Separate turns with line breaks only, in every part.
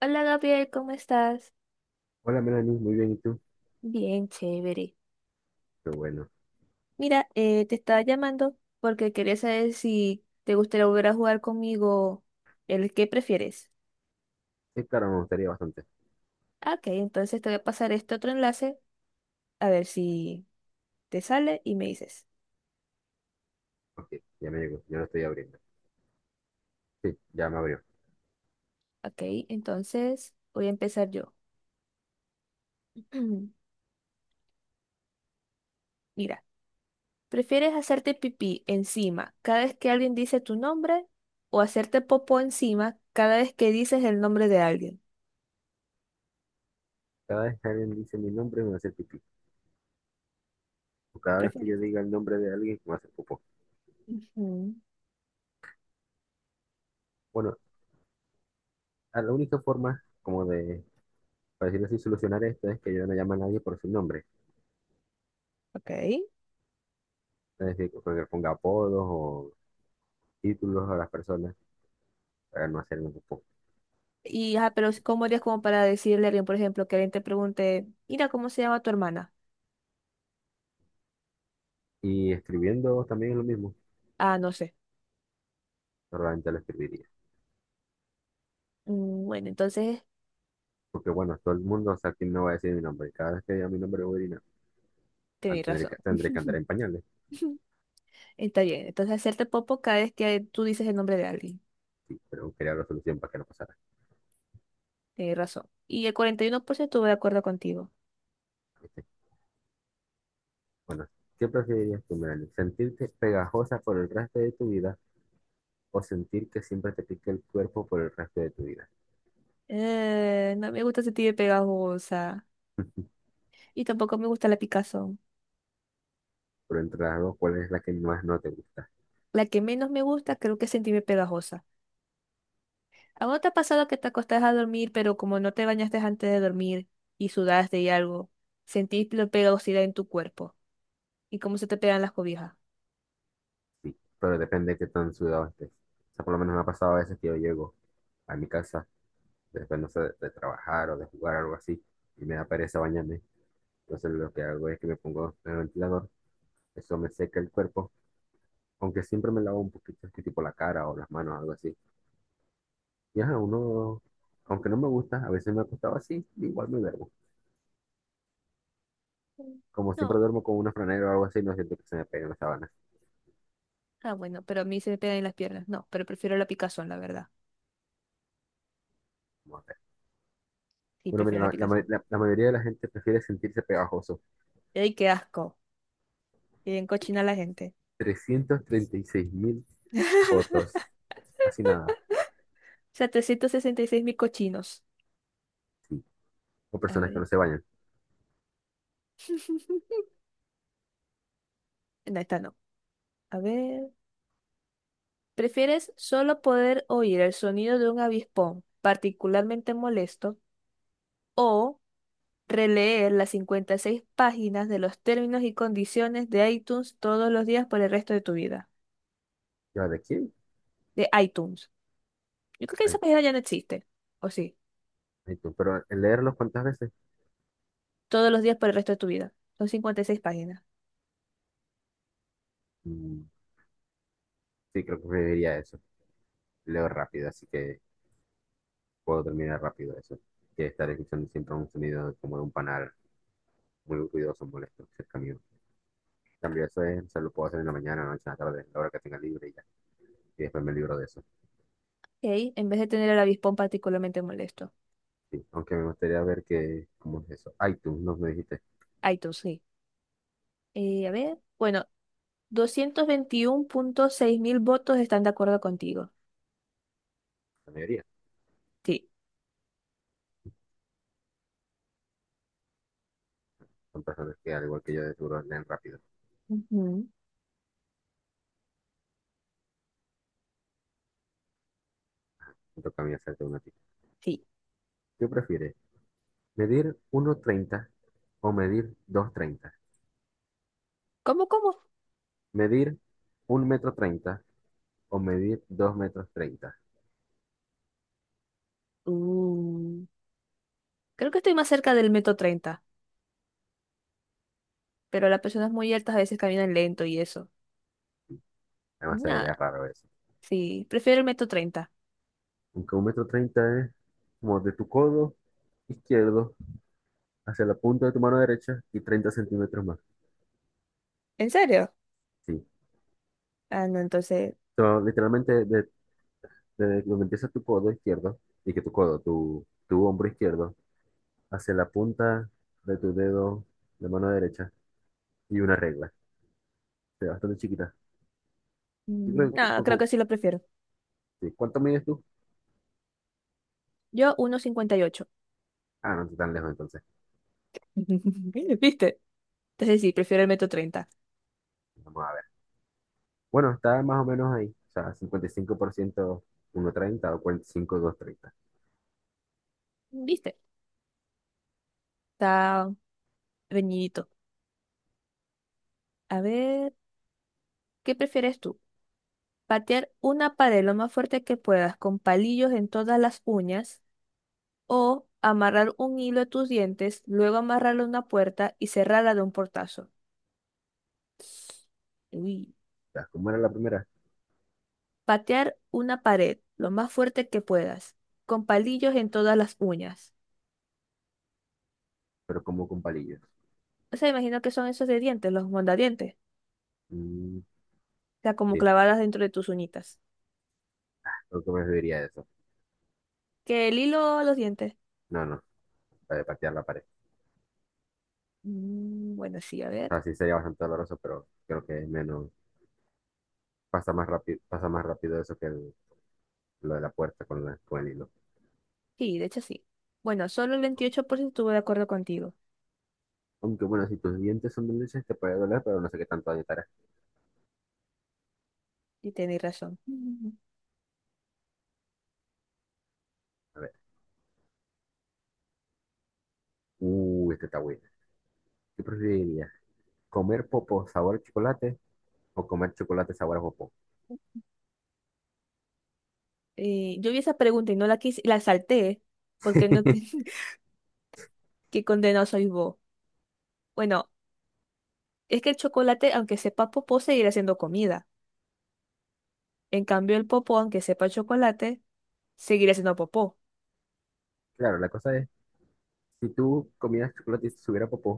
Hola Gabriel, ¿cómo estás?
Hola Melanie, muy bien, ¿y tú?
Bien, chévere.
Qué bueno.
Mira, te estaba llamando porque quería saber si te gustaría volver a jugar conmigo el que prefieres.
Sí, claro, me gustaría bastante.
Ah, Ok, entonces te voy a pasar este otro enlace a ver si te sale y me dices.
Ok, ya me llegó, yo lo estoy abriendo. Sí, ya me abrió.
Ok, entonces voy a empezar yo. Mira, ¿prefieres hacerte pipí encima cada vez que alguien dice tu nombre o hacerte popó encima cada vez que dices el nombre de alguien?
Cada vez que alguien dice mi nombre me va a hacer pipí. O
¿Qué
cada vez que yo
¿Prefieres?
diga el nombre de alguien me va a hacer popó.
Ujú,
Bueno, a la única forma como de, para decirlo así, solucionar esto es que yo no llame a nadie por su nombre.
Ok.
Es decir, que le ponga apodos o títulos a las personas para no hacerme popó.
Y, pero ¿cómo harías como para decirle a alguien, por ejemplo, que alguien te pregunte, mira, ¿cómo se llama tu hermana?
Y escribiendo también es lo mismo,
Ah, no sé.
normalmente lo escribiría.
Bueno, entonces
Porque bueno, todo el mundo, o sea, aquí no va a decir mi nombre. Cada vez que diga mi nombre voy a orinar. Ah,
tenés
Tendré
razón.
que, tendré que andar en pañales.
Está bien. Entonces hacerte popo cada vez que tú dices el nombre de alguien.
Sí, pero crear la solución para que no pasara.
Tenés razón. Y el 41% va de acuerdo contigo.
Dice, bueno, ¿qué preferirías tú, Melanie? ¿Sentirte pegajosa por el resto de tu vida o sentir que siempre te pique el cuerpo por el resto de tu vida?
No me gusta sentirme pegajosa. Y tampoco me gusta la picazón.
Pero entre las dos, ¿cuál es la que más no te gusta?
La que menos me gusta creo que es sentirme pegajosa. ¿A vos te ha pasado que te acostás a dormir, pero como no te bañaste antes de dormir y sudaste y algo, sentís la pegajosidad en tu cuerpo? ¿Y cómo se te pegan las cobijas?
Sí, pero depende de qué tan sudado estés. O sea, por lo menos me ha pasado a veces que yo llego a mi casa, después no sé, de trabajar o de jugar algo así, y me da pereza bañarme. Entonces lo que hago es que me pongo en el ventilador, eso me seca el cuerpo, aunque siempre me lavo un poquito, así tipo la cara o las manos, algo así. Y ajá, uno, aunque no me gusta, a veces me ha acostado así, igual me duermo.
Mm.
Como siempre
No.
duermo con una franela o algo así, no siento que se me peguen las sábanas.
Ah, bueno, pero a mí se me pegan en las piernas. No, pero prefiero la picazón, la verdad.
Vamos a
Sí,
Bueno, mira,
prefiero la
la, la ma-
picazón.
la- la mayoría de la gente prefiere sentirse pegajoso.
¡Ay, qué asco! Y bien cochina la gente.
336,000 fotos, casi nada,
O sea, 366 mil cochinos.
sí. O
A
personas que
ver.
no se bañan.
No, esta no. A ver. ¿Prefieres solo poder oír el sonido de un avispón particularmente molesto o releer las 56 páginas de los términos y condiciones de iTunes todos los días por el resto de tu vida?
¿Ya de quién?
De iTunes. Yo creo que esa
Ay,
página ya no existe. ¿O sí?
ay, tú. Pero el leerlos cuántas veces.
Todos los días por el resto de tu vida. Son 56 páginas.
Mm, sí, creo que preferiría eso. Leo rápido, así que puedo terminar rápido eso. Que estar escuchando siempre un sonido como de un panal muy ruidoso, molesto, cerca mío. Cambio eso es, se lo puedo hacer en la mañana, noche, en la tarde, en la hora que tenga libre y ya. Y después me libro de eso.
Ok, en vez de tener el avispón particularmente molesto.
Sí. Aunque me gustaría ver que, ¿cómo es eso? iTunes, no me dijiste.
iTunes, sí. A ver. Bueno, doscientos veintiuno punto seis mil votos están de acuerdo contigo.
La mayoría.
Sí,
Son personas que, al igual que yo, de seguro leen rápido.
ujú.
Me toca a mí hacerte una tip.
Sí.
¿Qué prefieres? ¿Medir uno treinta o medir dos treinta?
¿Cómo, cómo?
¿Medir un metro treinta o medir dos metros treinta?
Uh, Creo que estoy más cerca del metro treinta, pero las personas muy altas a veces caminan lento y eso.
Además, sería
Nada,
raro eso.
sí, prefiero el metro treinta.
Aunque un metro 30 es como de tu codo izquierdo hacia la punta de tu mano derecha y 30 centímetros más.
¿En serio?
Sí,
Ah, no, entonces,
so, literalmente, de donde empieza tu codo izquierdo, y que tu codo, tu hombro izquierdo, hacia la punta de tu dedo de mano derecha, y una regla, o sea, bastante chiquita. Yo creo que
nada, creo que sí lo prefiero.
sí, ¿cuánto mides tú?
Yo uno cincuenta y ocho.
Ah, no estoy tan lejos entonces.
¿Viste? Entonces sí, prefiero el metro treinta.
Vamos a ver. Bueno, está más o menos ahí, o sea, 55%, 1,30 o 45, 2,30.
¿Viste? Está reñidito. A ver, ¿qué prefieres tú? Patear una pared lo más fuerte que puedas con palillos en todas las uñas o amarrar un hilo a tus dientes, luego amarrarlo a una puerta y cerrarla de un portazo. Uy.
O sea, como era la primera,
Patear una pared lo más fuerte que puedas con palillos en todas las uñas.
pero como con palillos.
O sea, imagino que son esos de dientes, los mondadientes.
Mm,
O sea, como
sí,
clavadas dentro de tus uñitas.
creo que me serviría eso.
Que el hilo a los dientes.
No, no, para patear la pared.
Bueno, sí, a
O
ver.
sea, sí sería bastante doloroso, pero creo que es menos, pasa más rápido eso que lo de la puerta con, con el hilo.
Sí, de hecho sí. Bueno, solo el 28% estuvo de acuerdo contigo.
Aunque bueno, si tus dientes son dulces te puede doler, pero no sé qué tanto daño te hará.
Y tenéis razón.
A ver, este está bueno. ¿Qué preferirías? ¿Comer popo sabor chocolate o comer chocolate sabor a popó?
Yo vi esa pregunta y no la quise, la salté, porque no, que, qué condenado soy vos. Bueno, es que el chocolate, aunque sepa popó, seguirá siendo comida. En cambio, el popó, aunque sepa chocolate, seguirá siendo popó.
Claro, la cosa es, si tú comieras chocolate y te subiera popó,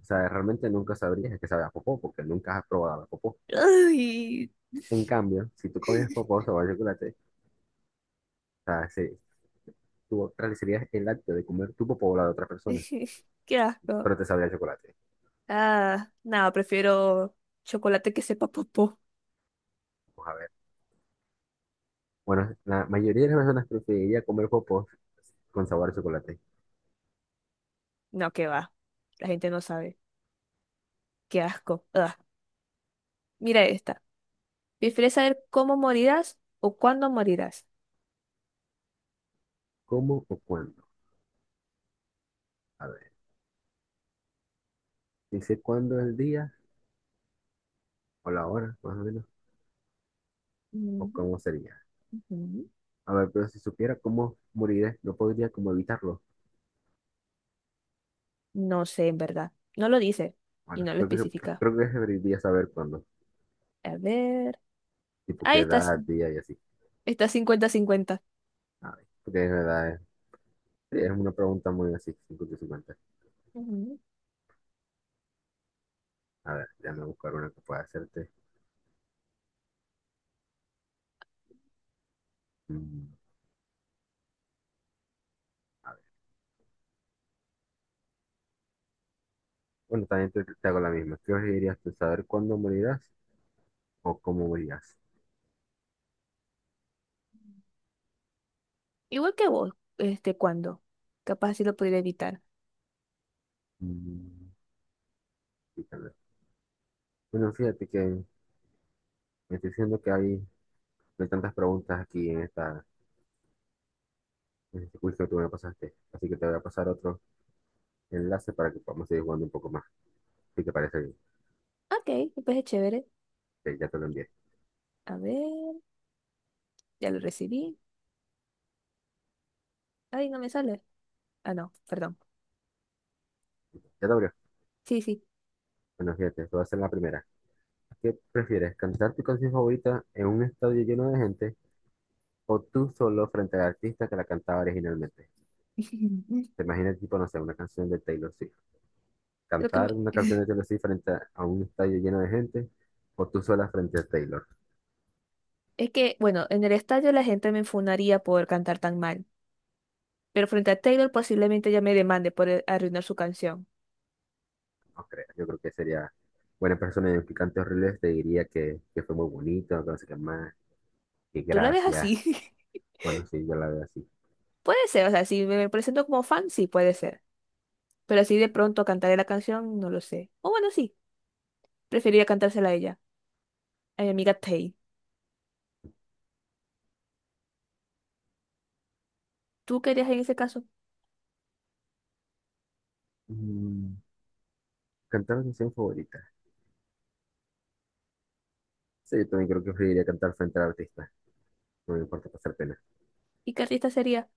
o sea, realmente nunca sabrías que sabe a popó, porque nunca has probado la popó.
Ay,
En cambio, si tú comías popó sabor a chocolate, o sea, tú realizarías el acto de comer tu popó o la de otra persona,
qué asco.
pero te sabría a chocolate.
Ah, no, prefiero chocolate que sepa popó.
Vamos a ver. Bueno, la mayoría de las personas preferiría comer popos con sabor a chocolate.
No, que va. La gente no sabe. Qué asco. Ah, mira esta. ¿Prefieres saber cómo morirás o cuándo morirás?
¿Cómo o cuándo? A ver, dice cuándo el día o la hora, más o menos, o
Mm.
cómo sería.
Ujú.
A ver, pero si supiera cómo moriré, no podría como evitarlo.
No sé, en verdad. No lo dice y
Bueno,
no lo
creo que,
especifica.
creo que debería saber cuándo,
A ver.
tipo qué
Ahí está,
edad, día y así.
está cincuenta 50.
A ver, porque es verdad, es una pregunta muy así, 50 y 50.
Ujú.
A ver, déjame buscar una que pueda hacerte. Mm, a ver, bueno, también te hago la misma. ¿Qué dirías tú, saber cuándo morirás o cómo morirás?
Igual que vos, cuando. Capaz así lo pudiera evitar.
Mm. Fíjate. Bueno, fíjate que me estoy diciendo que hay, no hay tantas preguntas aquí en esta, en este quiz que tú me pasaste. Así que te voy a pasar otro enlace para que podamos seguir jugando un poco más. Si te parece bien,
Ok, pues es chévere.
que ya te lo envié.
A ver, ya lo recibí. Ay, no me sale. Ah, no, perdón.
¿Ya te abrió?
Sí, sí.
Bueno, fíjate, te voy a hacer la primera. ¿Qué prefieres, cantar tu canción favorita en un estadio lleno de gente o tú solo frente al artista que la cantaba originalmente? Te imaginas, tipo, no sé, una canción de Taylor Swift.
Creo que
Cantar
me-
una canción de Taylor Swift frente a un estadio lleno de gente o tú sola frente a Taylor.
es que, bueno, en el estadio la gente me enfunaría por cantar tan mal. Pero frente a Taylor posiblemente ya me demande por arruinar su canción.
No creo, yo creo que sería buena persona y picante horrible, te diría que fue muy bonito, que no sé qué más, que
¿Tú la ves
gracias.
así?
Bueno, sí, yo la veo así.
Puede ser, o sea, si me presento como fan, sí, puede ser. Pero así de pronto cantaré la canción, no lo sé. O bueno, sí, preferiría cantársela a ella, a mi amiga Tay. ¿Tú qué harías en ese caso?
Mm, Cantar la canción favorita. Sí, yo también creo que preferiría cantar frente al artista. No me importa pasar pena.
¿Y qué artista sería?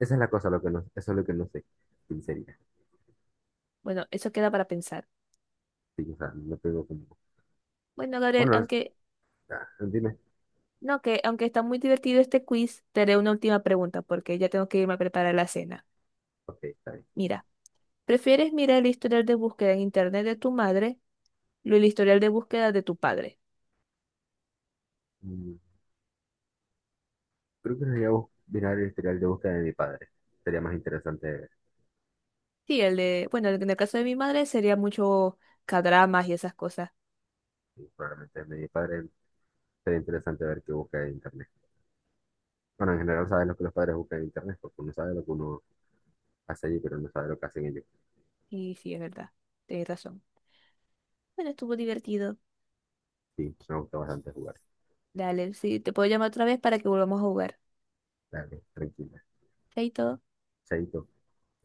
Esa es la cosa, lo que no, eso es lo que no sé. Sinceridad.
Bueno, eso queda para pensar.
Sí, o sea, no tengo como.
Bueno, Gabriel,
Bueno,
aunque
ah, dime.
no, que aunque está muy divertido este quiz, te haré una última pregunta porque ya tengo que irme a preparar la cena.
Ok, está bien.
Mira, ¿prefieres mirar el historial de búsqueda en internet de tu madre o el historial de búsqueda de tu padre?
Mm, Creo que debería mirar el historial de búsqueda de mi padre. Sería más interesante ver.
Sí, el de, bueno, en el caso de mi madre sería mucho cadramas y esas cosas.
Sí, probablemente el de mi padre sería interesante ver qué busca en internet. Bueno, en general sabes lo que los padres buscan en internet, porque uno sabe lo que uno hace allí, pero no sabe lo que hacen ellos.
Y sí, es verdad, tienes razón. Bueno, estuvo divertido.
Sí, me gusta bastante jugar.
Dale, sí, te puedo llamar otra vez para que volvamos a jugar.
Dale, tranquila.
Chaito.
Chaito.